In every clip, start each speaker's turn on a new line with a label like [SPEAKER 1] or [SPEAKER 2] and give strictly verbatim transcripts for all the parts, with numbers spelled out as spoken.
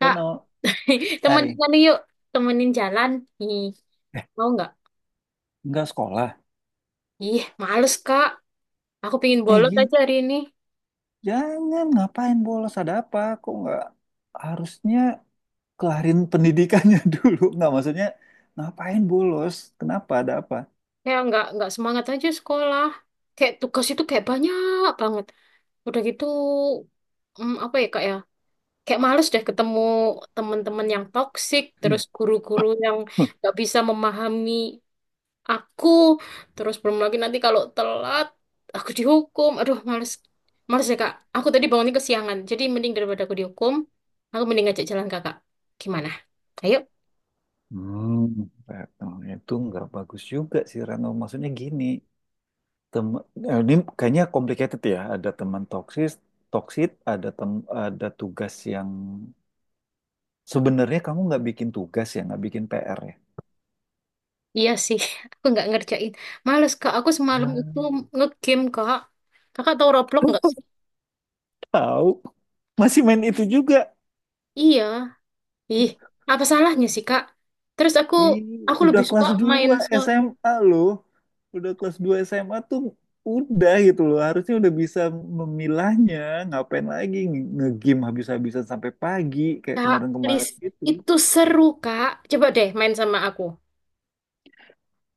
[SPEAKER 1] Kak, temenin
[SPEAKER 2] eh,
[SPEAKER 1] mana yuk. Temenin jalan. Ih,
[SPEAKER 2] eh,
[SPEAKER 1] mau nggak?
[SPEAKER 2] nggak sekolah.
[SPEAKER 1] Ih, males, Kak. Aku pingin
[SPEAKER 2] Eh,
[SPEAKER 1] bolos aja
[SPEAKER 2] gini,
[SPEAKER 1] hari ini.
[SPEAKER 2] jangan ngapain bolos ada apa? Kok nggak harusnya kelarin pendidikannya dulu? Nggak maksudnya ngapain bolos? Kenapa ada apa?
[SPEAKER 1] Kayak nggak nggak semangat aja sekolah. Kayak tugas itu kayak banyak banget. Udah gitu, hmm, apa ya, Kak ya? Kayak males deh ketemu teman-teman yang toksik, terus guru-guru yang nggak bisa memahami aku, terus belum lagi nanti kalau telat aku dihukum. Aduh, males males ya Kak, aku tadi bangunnya kesiangan, jadi mending daripada aku dihukum, aku mending ngajak jalan kakak. Gimana, ayo?
[SPEAKER 2] Hmm, Retno, itu nggak bagus juga sih Rano. Maksudnya gini, tem eh, ini kayaknya complicated ya. Ada teman toksis, toksit, ada tem ada tugas yang sebenarnya kamu nggak bikin tugas ya, nggak bikin P R ya.
[SPEAKER 1] Iya sih, aku nggak ngerjain. Males Kak, aku semalam itu
[SPEAKER 2] Ya.
[SPEAKER 1] ngegame Kak. Kakak tahu Roblox nggak sih?
[SPEAKER 2] Tahu. Masih main itu juga.
[SPEAKER 1] Iya. Ih, apa salahnya sih Kak? Terus aku
[SPEAKER 2] Ih,
[SPEAKER 1] aku
[SPEAKER 2] udah
[SPEAKER 1] lebih suka
[SPEAKER 2] kelas
[SPEAKER 1] main.
[SPEAKER 2] dua
[SPEAKER 1] So
[SPEAKER 2] S M A loh. Udah kelas dua S M A tuh udah gitu loh. Harusnya udah bisa memilahnya. Ngapain lagi nge- nge-game habis-habisan sampai pagi kayak
[SPEAKER 1] Kak please,
[SPEAKER 2] kemarin-kemarin gitu.
[SPEAKER 1] itu seru Kak, coba deh main sama aku.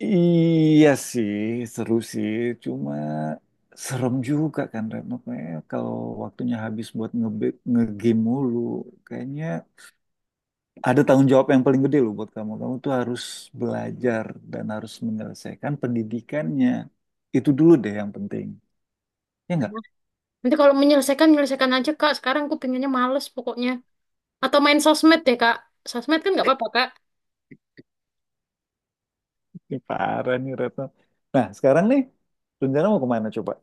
[SPEAKER 2] Iya sih, seru sih. Cuma serem juga kan Reno. Kayaknya kalau waktunya habis buat nge- nge-game mulu. Kayaknya ada tanggung jawab yang paling gede loh buat kamu. Kamu tuh harus belajar dan harus menyelesaikan pendidikannya. Itu dulu deh yang penting. Ya nggak?
[SPEAKER 1] Nanti kalau menyelesaikan, menyelesaikan aja, Kak. Sekarang aku pinginnya males pokoknya. Atau main sosmed deh, Kak. Sosmed kan nggak apa-apa, Kak.
[SPEAKER 2] Ini parah nih Retno. Nah, sekarang nih, rencana mau kemana coba?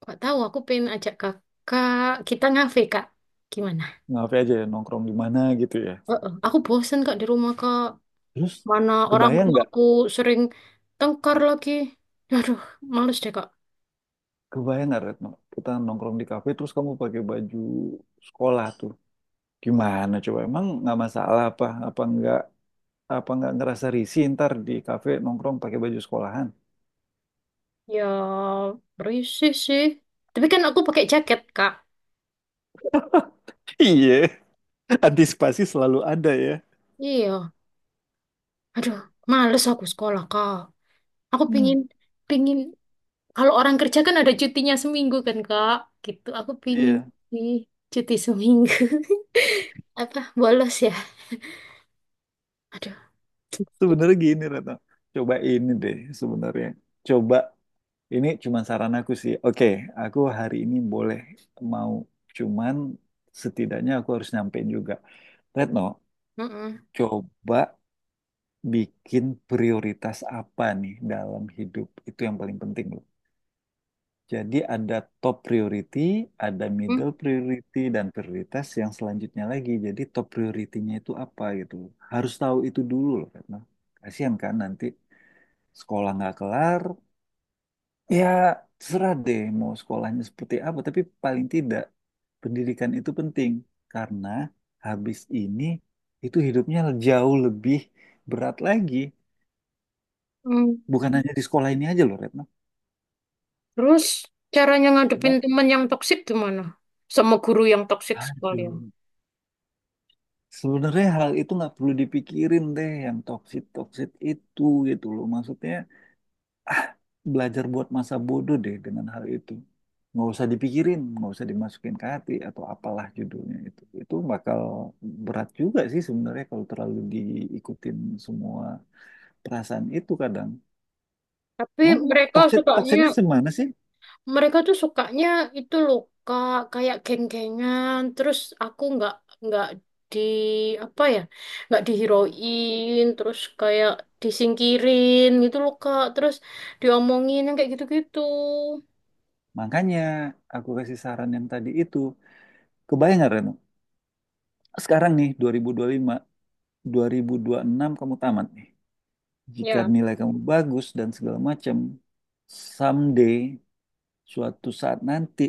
[SPEAKER 1] Nggak tahu, aku pengen ajak kakak. Kita ngafe, Kak. Gimana?
[SPEAKER 2] Ngapain aja ya, nongkrong di mana gitu ya.
[SPEAKER 1] Oh, oh. Aku bosen, Kak, di rumah, Kak.
[SPEAKER 2] Terus,
[SPEAKER 1] Mana orang
[SPEAKER 2] kebayang
[SPEAKER 1] tua
[SPEAKER 2] nggak?
[SPEAKER 1] aku sering tengkar lagi. Aduh, males deh, Kak.
[SPEAKER 2] Kebayang nggak Retno? Kita nongkrong di kafe, terus kamu pakai baju sekolah tuh. Gimana coba? Emang nggak masalah apa? Apa nggak apa nggak ngerasa risih ntar di kafe nongkrong pakai baju sekolahan?
[SPEAKER 1] Ya, berisik sih. Tapi kan aku pakai jaket, Kak.
[SPEAKER 2] Iya. Antisipasi selalu ada ya.
[SPEAKER 1] Iya. Aduh, males aku sekolah, Kak. Aku
[SPEAKER 2] Hmm.
[SPEAKER 1] pingin, pingin. Kalau orang kerja kan ada cutinya seminggu kan Kak. Gitu, aku pingin
[SPEAKER 2] Iya.
[SPEAKER 1] sih cuti seminggu. Apa, bolos ya? Aduh, gitu.
[SPEAKER 2] Sebenarnya gini Retno. Coba ini deh sebenarnya. Coba ini cuma saran aku sih. Oke, aku hari ini boleh mau cuman setidaknya aku harus nyampein juga. Retno,
[SPEAKER 1] Mm-mm.
[SPEAKER 2] coba bikin prioritas apa nih dalam hidup itu yang paling penting loh. Jadi ada top priority, ada middle priority, dan prioritas yang selanjutnya lagi. Jadi top prioritinya itu apa gitu. Harus tahu itu dulu loh karena kasihan kan nanti sekolah nggak kelar. Ya terserah deh mau sekolahnya seperti apa. Tapi paling tidak pendidikan itu penting. Karena habis ini itu hidupnya jauh lebih berat lagi.
[SPEAKER 1] Mm-mm.
[SPEAKER 2] Bukan hanya di sekolah ini aja loh Retno.
[SPEAKER 1] Terus caranya ngadepin
[SPEAKER 2] Coba.
[SPEAKER 1] teman yang toksik gimana? Sama guru yang toksik sekalian.
[SPEAKER 2] Aduh. Sebenarnya hal itu nggak perlu dipikirin deh yang toksit-toksit itu gitu loh. Maksudnya ah, belajar buat masa bodoh deh dengan hal itu. Nggak usah dipikirin, nggak usah dimasukin ke hati atau apalah judulnya itu. Itu bakal berat juga sih sebenarnya kalau terlalu diikutin semua perasaan itu kadang.
[SPEAKER 1] Tapi
[SPEAKER 2] Emang mau-
[SPEAKER 1] mereka
[SPEAKER 2] toksit
[SPEAKER 1] sukanya
[SPEAKER 2] toksitnya semana sih?
[SPEAKER 1] mereka tuh sukanya itu loh Kak, kayak geng-gengan. Terus aku nggak nggak di, apa ya, nggak dihiroin, terus kayak disingkirin gitu loh Kak, terus diomongin yang kayak gitu-gitu.
[SPEAKER 2] Makanya aku kasih saran yang tadi itu. Kebayang nggak Reno? Sekarang nih dua ribu dua puluh lima, dua ribu ribu lima, dua ribu dua puluh lima, enam kamu tamat nih. Jika
[SPEAKER 1] Ya.
[SPEAKER 2] nilai kamu bagus dan segala macam, someday, suatu saat nanti,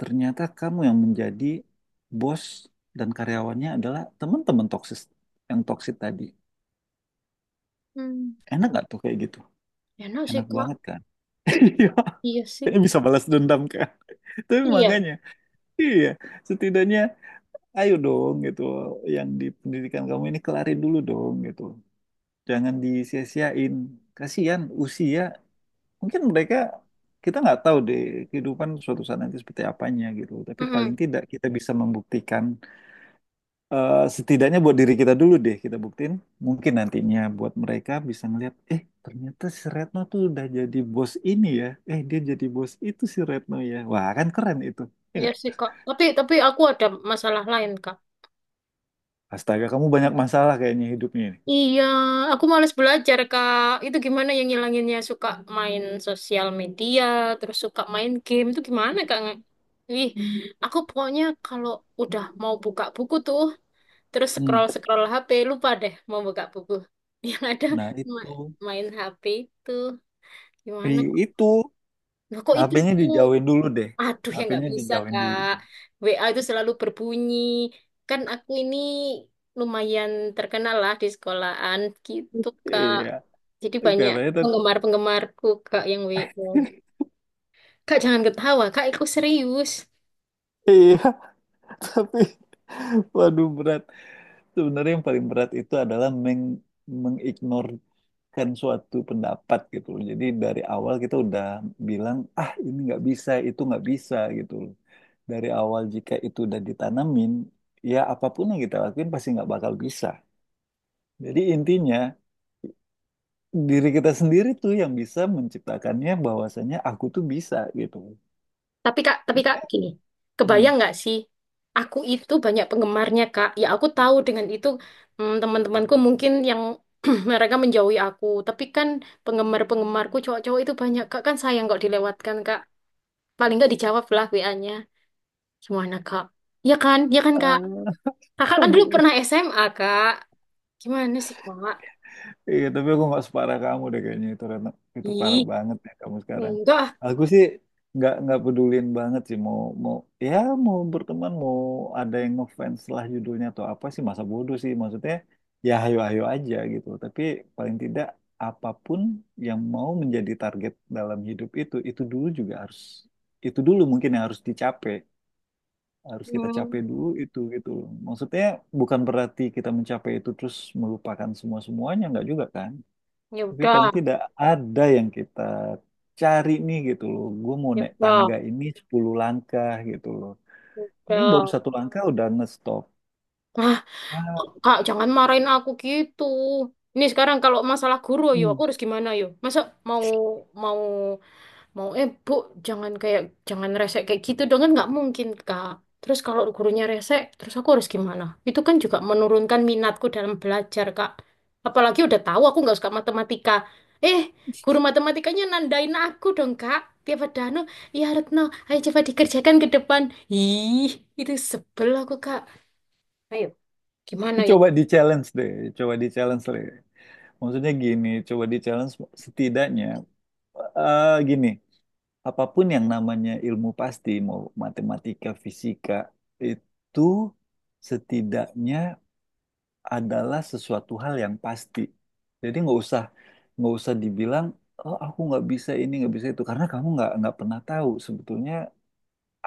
[SPEAKER 2] ternyata kamu yang menjadi bos dan karyawannya adalah teman-teman toksis yang toksit tadi.
[SPEAKER 1] Hmm.
[SPEAKER 2] Enak nggak tuh kayak gitu?
[SPEAKER 1] Enak sih
[SPEAKER 2] Enak
[SPEAKER 1] Kak.
[SPEAKER 2] banget kan? Iya,
[SPEAKER 1] Iya sih.
[SPEAKER 2] kayaknya bisa balas dendam kan? Tapi
[SPEAKER 1] Iya.
[SPEAKER 2] makanya, iya, setidaknya ayo dong gitu, yang di pendidikan kamu ini kelarin dulu dong gitu. Jangan disia-siain. Kasihan usia mungkin mereka kita nggak tahu deh kehidupan suatu saat nanti seperti apanya gitu tapi paling
[SPEAKER 1] Mm.
[SPEAKER 2] tidak kita bisa membuktikan eh, setidaknya buat diri kita dulu deh kita buktiin mungkin nantinya buat mereka bisa ngeliat eh ternyata si Retno tuh udah jadi bos ini ya eh dia jadi bos itu si Retno ya wah kan keren itu ya
[SPEAKER 1] Iya
[SPEAKER 2] nggak?
[SPEAKER 1] sih Kak, tapi tapi aku ada masalah lain Kak.
[SPEAKER 2] Astaga kamu banyak masalah kayaknya hidupnya ini.
[SPEAKER 1] Iya, aku males belajar, Kak. Itu gimana yang ngilanginnya? Suka main sosial media, terus suka main game. Itu gimana, Kak? Ih, aku pokoknya kalau udah mau buka buku tuh, terus
[SPEAKER 2] Hmm.
[SPEAKER 1] scroll-scroll H P, lupa deh mau buka buku. Yang ada
[SPEAKER 2] Nah itu
[SPEAKER 1] ma- main H P itu. Gimana?
[SPEAKER 2] I- itu
[SPEAKER 1] Nah, kok itu
[SPEAKER 2] H P-nya
[SPEAKER 1] aku...
[SPEAKER 2] dijauhin dulu deh.
[SPEAKER 1] Aduh, ya nggak
[SPEAKER 2] H P-nya
[SPEAKER 1] bisa,
[SPEAKER 2] dijauhin dulu
[SPEAKER 1] Kak.
[SPEAKER 2] deh.
[SPEAKER 1] W A itu selalu berbunyi. Kan aku ini lumayan terkenal lah di sekolahan gitu, Kak.
[SPEAKER 2] Iya
[SPEAKER 1] Jadi banyak
[SPEAKER 2] katanya tadi.
[SPEAKER 1] penggemar-penggemarku Kak yang W O. Kak jangan ketawa, Kak aku serius.
[SPEAKER 2] Iya. Tapi, waduh berat. Sebenarnya yang paling berat itu adalah meng mengignorkan suatu pendapat gitu loh. Jadi dari awal kita udah bilang, ah ini nggak bisa, itu nggak bisa gitu loh. Dari awal jika itu udah ditanamin, ya apapun yang kita lakuin pasti nggak bakal bisa. Jadi intinya diri kita sendiri tuh yang bisa menciptakannya bahwasanya aku tuh bisa gitu.
[SPEAKER 1] Tapi Kak, tapi Kak gini.
[SPEAKER 2] Hmm.
[SPEAKER 1] Kebayang nggak sih? Aku itu banyak penggemarnya Kak. Ya aku tahu dengan itu, mm, teman-temanku mungkin yang mereka menjauhi aku. Tapi kan penggemar-penggemarku cowok-cowok itu banyak Kak. Kan sayang kok dilewatkan Kak. Paling nggak dijawab lah W A-nya. Gimana Kak? Ya kan? Ya kan Kak?
[SPEAKER 2] Ah,
[SPEAKER 1] Kakak kan dulu
[SPEAKER 2] Aduh.
[SPEAKER 1] pernah S M A Kak. Gimana sih Kak?
[SPEAKER 2] Iya, tapi aku nggak separah kamu deh kayaknya itu Retno. Itu parah
[SPEAKER 1] Ih,
[SPEAKER 2] banget ya kamu sekarang.
[SPEAKER 1] enggak. Ah.
[SPEAKER 2] Aku sih nggak nggak pedulin banget sih mau mau ya mau berteman mau ada yang ngefans lah judulnya atau apa sih masa bodoh sih maksudnya ya ayo ayo aja gitu. Tapi paling tidak apapun yang mau menjadi target dalam hidup itu itu dulu juga harus itu dulu mungkin yang harus dicapai harus kita
[SPEAKER 1] Hmm.
[SPEAKER 2] capai dulu itu gitu loh. Maksudnya bukan berarti kita mencapai itu terus melupakan semua semuanya nggak juga kan?
[SPEAKER 1] Ya
[SPEAKER 2] Tapi
[SPEAKER 1] udah,
[SPEAKER 2] paling tidak ada yang kita cari nih gitu loh. Gue mau
[SPEAKER 1] ya
[SPEAKER 2] naik tangga
[SPEAKER 1] udah,
[SPEAKER 2] ini sepuluh langkah gitu loh.
[SPEAKER 1] ya
[SPEAKER 2] Ini baru
[SPEAKER 1] udah.
[SPEAKER 2] satu langkah udah ngestop.
[SPEAKER 1] Ah,
[SPEAKER 2] Ah,
[SPEAKER 1] Kak, jangan marahin aku gitu. Ini sekarang kalau masalah guru, yo aku
[SPEAKER 2] hmm.
[SPEAKER 1] harus gimana yo? Masa mau mau mau eh bu, jangan kayak, jangan rese kayak gitu dong, kan nggak mungkin Kak. Terus kalau gurunya rese, terus aku harus gimana? Itu kan juga menurunkan minatku dalam belajar Kak. Apalagi udah tahu aku nggak suka matematika, eh, guru matematikanya nandain aku dong Kak. Tiap ada anu, ya Retno, ayo coba dikerjakan ke depan. Ih, itu sebel aku Kak. Ayo gimana, yuk?
[SPEAKER 2] Coba di challenge deh, coba di challenge deh. Maksudnya gini, coba di challenge setidaknya eh, gini, apapun yang namanya ilmu pasti, mau matematika, fisika, itu setidaknya adalah sesuatu hal yang pasti. Jadi nggak usah nggak usah dibilang oh aku nggak bisa ini nggak bisa itu karena kamu nggak nggak pernah tahu sebetulnya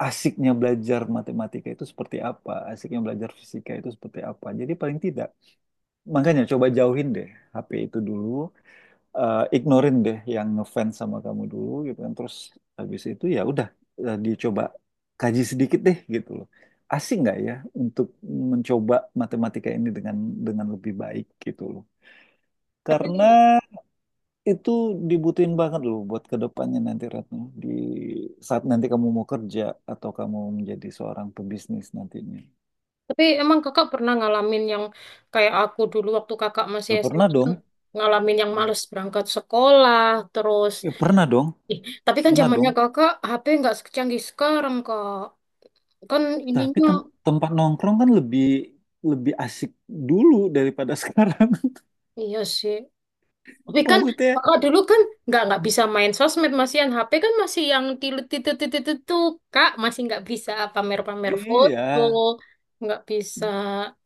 [SPEAKER 2] asiknya belajar matematika itu seperti apa, asiknya belajar fisika itu seperti apa. Jadi paling tidak makanya coba jauhin deh H P itu dulu, eh, ignorin deh yang ngefans sama kamu dulu gitu kan terus habis itu ya udah eh, dicoba kaji sedikit deh gitu loh asik nggak ya untuk mencoba matematika ini dengan dengan lebih baik gitu loh
[SPEAKER 1] tapi
[SPEAKER 2] karena itu dibutuhin banget loh buat kedepannya nanti Retno di saat nanti kamu mau kerja atau kamu menjadi seorang pebisnis nantinya
[SPEAKER 1] Tapi emang kakak pernah ngalamin yang kayak aku dulu waktu kakak masih
[SPEAKER 2] ya pernah
[SPEAKER 1] S M A,
[SPEAKER 2] dong
[SPEAKER 1] ngalamin yang males berangkat sekolah terus?
[SPEAKER 2] ya pernah dong
[SPEAKER 1] Ih, tapi kan
[SPEAKER 2] pernah dong.
[SPEAKER 1] zamannya kakak H P nggak secanggih sekarang Kak, kan
[SPEAKER 2] Tapi
[SPEAKER 1] ininya.
[SPEAKER 2] tem- tempat nongkrong kan lebih lebih asik dulu daripada sekarang.
[SPEAKER 1] Iya sih, tapi kan
[SPEAKER 2] Maksudnya,
[SPEAKER 1] kakak dulu kan nggak nggak bisa main sosmed, masih yang H P kan masih yang tilu titu titu titu, Kak masih nggak bisa pamer-pamer
[SPEAKER 2] iya,
[SPEAKER 1] foto, nggak bisa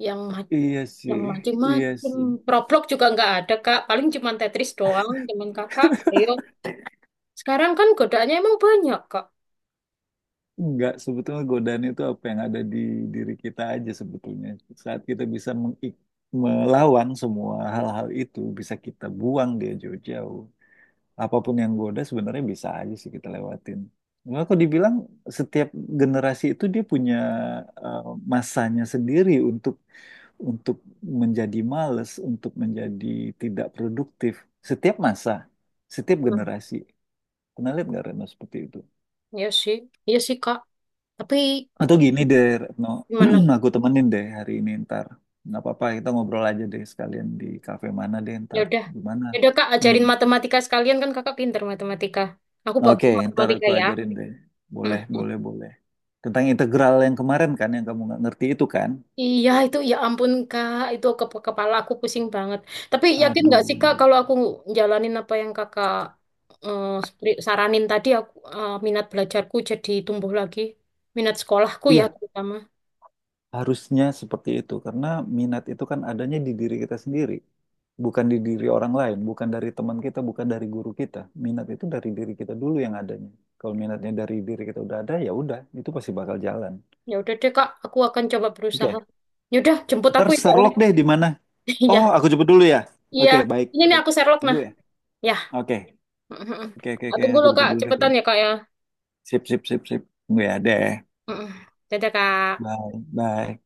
[SPEAKER 1] yang
[SPEAKER 2] iya sih,
[SPEAKER 1] yang
[SPEAKER 2] iya
[SPEAKER 1] macem-macem.
[SPEAKER 2] sih.
[SPEAKER 1] Roblox juga nggak ada, Kak. Paling cuma Tetris doang teman kakak. Ayo. Sekarang kan godaannya emang banyak, Kak.
[SPEAKER 2] Enggak, sebetulnya godaan itu apa yang ada di diri kita aja sebetulnya. Saat kita bisa mengik- melawan semua hal-hal itu, bisa kita buang dia jauh-jauh. Apapun yang goda sebenarnya bisa aja sih kita lewatin. Cuma kok dibilang setiap generasi itu dia punya eh, masanya sendiri untuk untuk menjadi males, untuk menjadi tidak produktif. Setiap masa, setiap
[SPEAKER 1] Hmm,
[SPEAKER 2] generasi. Pernah lihat nggak Retno seperti itu?
[SPEAKER 1] iya sih. Iya sih, Kak. Tapi
[SPEAKER 2] Atau gini
[SPEAKER 1] ap-
[SPEAKER 2] deh Retno,
[SPEAKER 1] gimana?
[SPEAKER 2] aku temenin deh hari ini ntar. Nggak apa-apa, kita ngobrol aja deh sekalian di kafe mana deh
[SPEAKER 1] Ya
[SPEAKER 2] ntar.
[SPEAKER 1] udah.
[SPEAKER 2] Gimana?
[SPEAKER 1] Ya udah, Kak,
[SPEAKER 2] Hmm.
[SPEAKER 1] ajarin matematika sekalian, kan kakak pinter matematika. Aku bawa
[SPEAKER 2] Oke, ntar
[SPEAKER 1] matematika
[SPEAKER 2] aku
[SPEAKER 1] ya.
[SPEAKER 2] ajarin deh. Boleh, boleh, boleh. Tentang integral yang kemarin kan, yang kamu nggak ngerti itu kan?
[SPEAKER 1] Iya itu ya ampun Kak, itu ke kepala aku pusing banget. Tapi yakin nggak sih
[SPEAKER 2] Aduh.
[SPEAKER 1] Kak kalau aku jalanin apa yang kakak eh, spri- saranin tadi, aku, eh, minat belajarku jadi tumbuh lagi, minat sekolahku ya
[SPEAKER 2] Iya,
[SPEAKER 1] terutama.
[SPEAKER 2] harusnya seperti itu, karena minat itu kan adanya di diri kita sendiri, bukan di diri orang lain, bukan dari teman kita, bukan dari guru kita. Minat itu dari diri kita dulu yang adanya. Kalau minatnya dari diri kita udah ada, ya udah, itu pasti bakal jalan.
[SPEAKER 1] Ya udah deh Kak, aku akan coba berusaha.
[SPEAKER 2] Oke,
[SPEAKER 1] Ya udah, jemput
[SPEAKER 2] ntar
[SPEAKER 1] aku ya Kak ya.
[SPEAKER 2] Sherlock deh di mana?
[SPEAKER 1] Iya,
[SPEAKER 2] Oh, aku jemput dulu ya.
[SPEAKER 1] iya,
[SPEAKER 2] Oke, baik,
[SPEAKER 1] ini nih
[SPEAKER 2] baik.
[SPEAKER 1] aku Sherlock
[SPEAKER 2] Tunggu
[SPEAKER 1] nah
[SPEAKER 2] ya.
[SPEAKER 1] ya.
[SPEAKER 2] Oke, oke, oke,
[SPEAKER 1] Aku
[SPEAKER 2] oke,
[SPEAKER 1] tunggu
[SPEAKER 2] aku
[SPEAKER 1] loh
[SPEAKER 2] jemput
[SPEAKER 1] Kak,
[SPEAKER 2] dulu deh.
[SPEAKER 1] cepetan ya Kak ya.
[SPEAKER 2] Sip, sip, sip, sip. Tunggu ya deh.
[SPEAKER 1] Mm. Dadah Kak.
[SPEAKER 2] Bye, bye.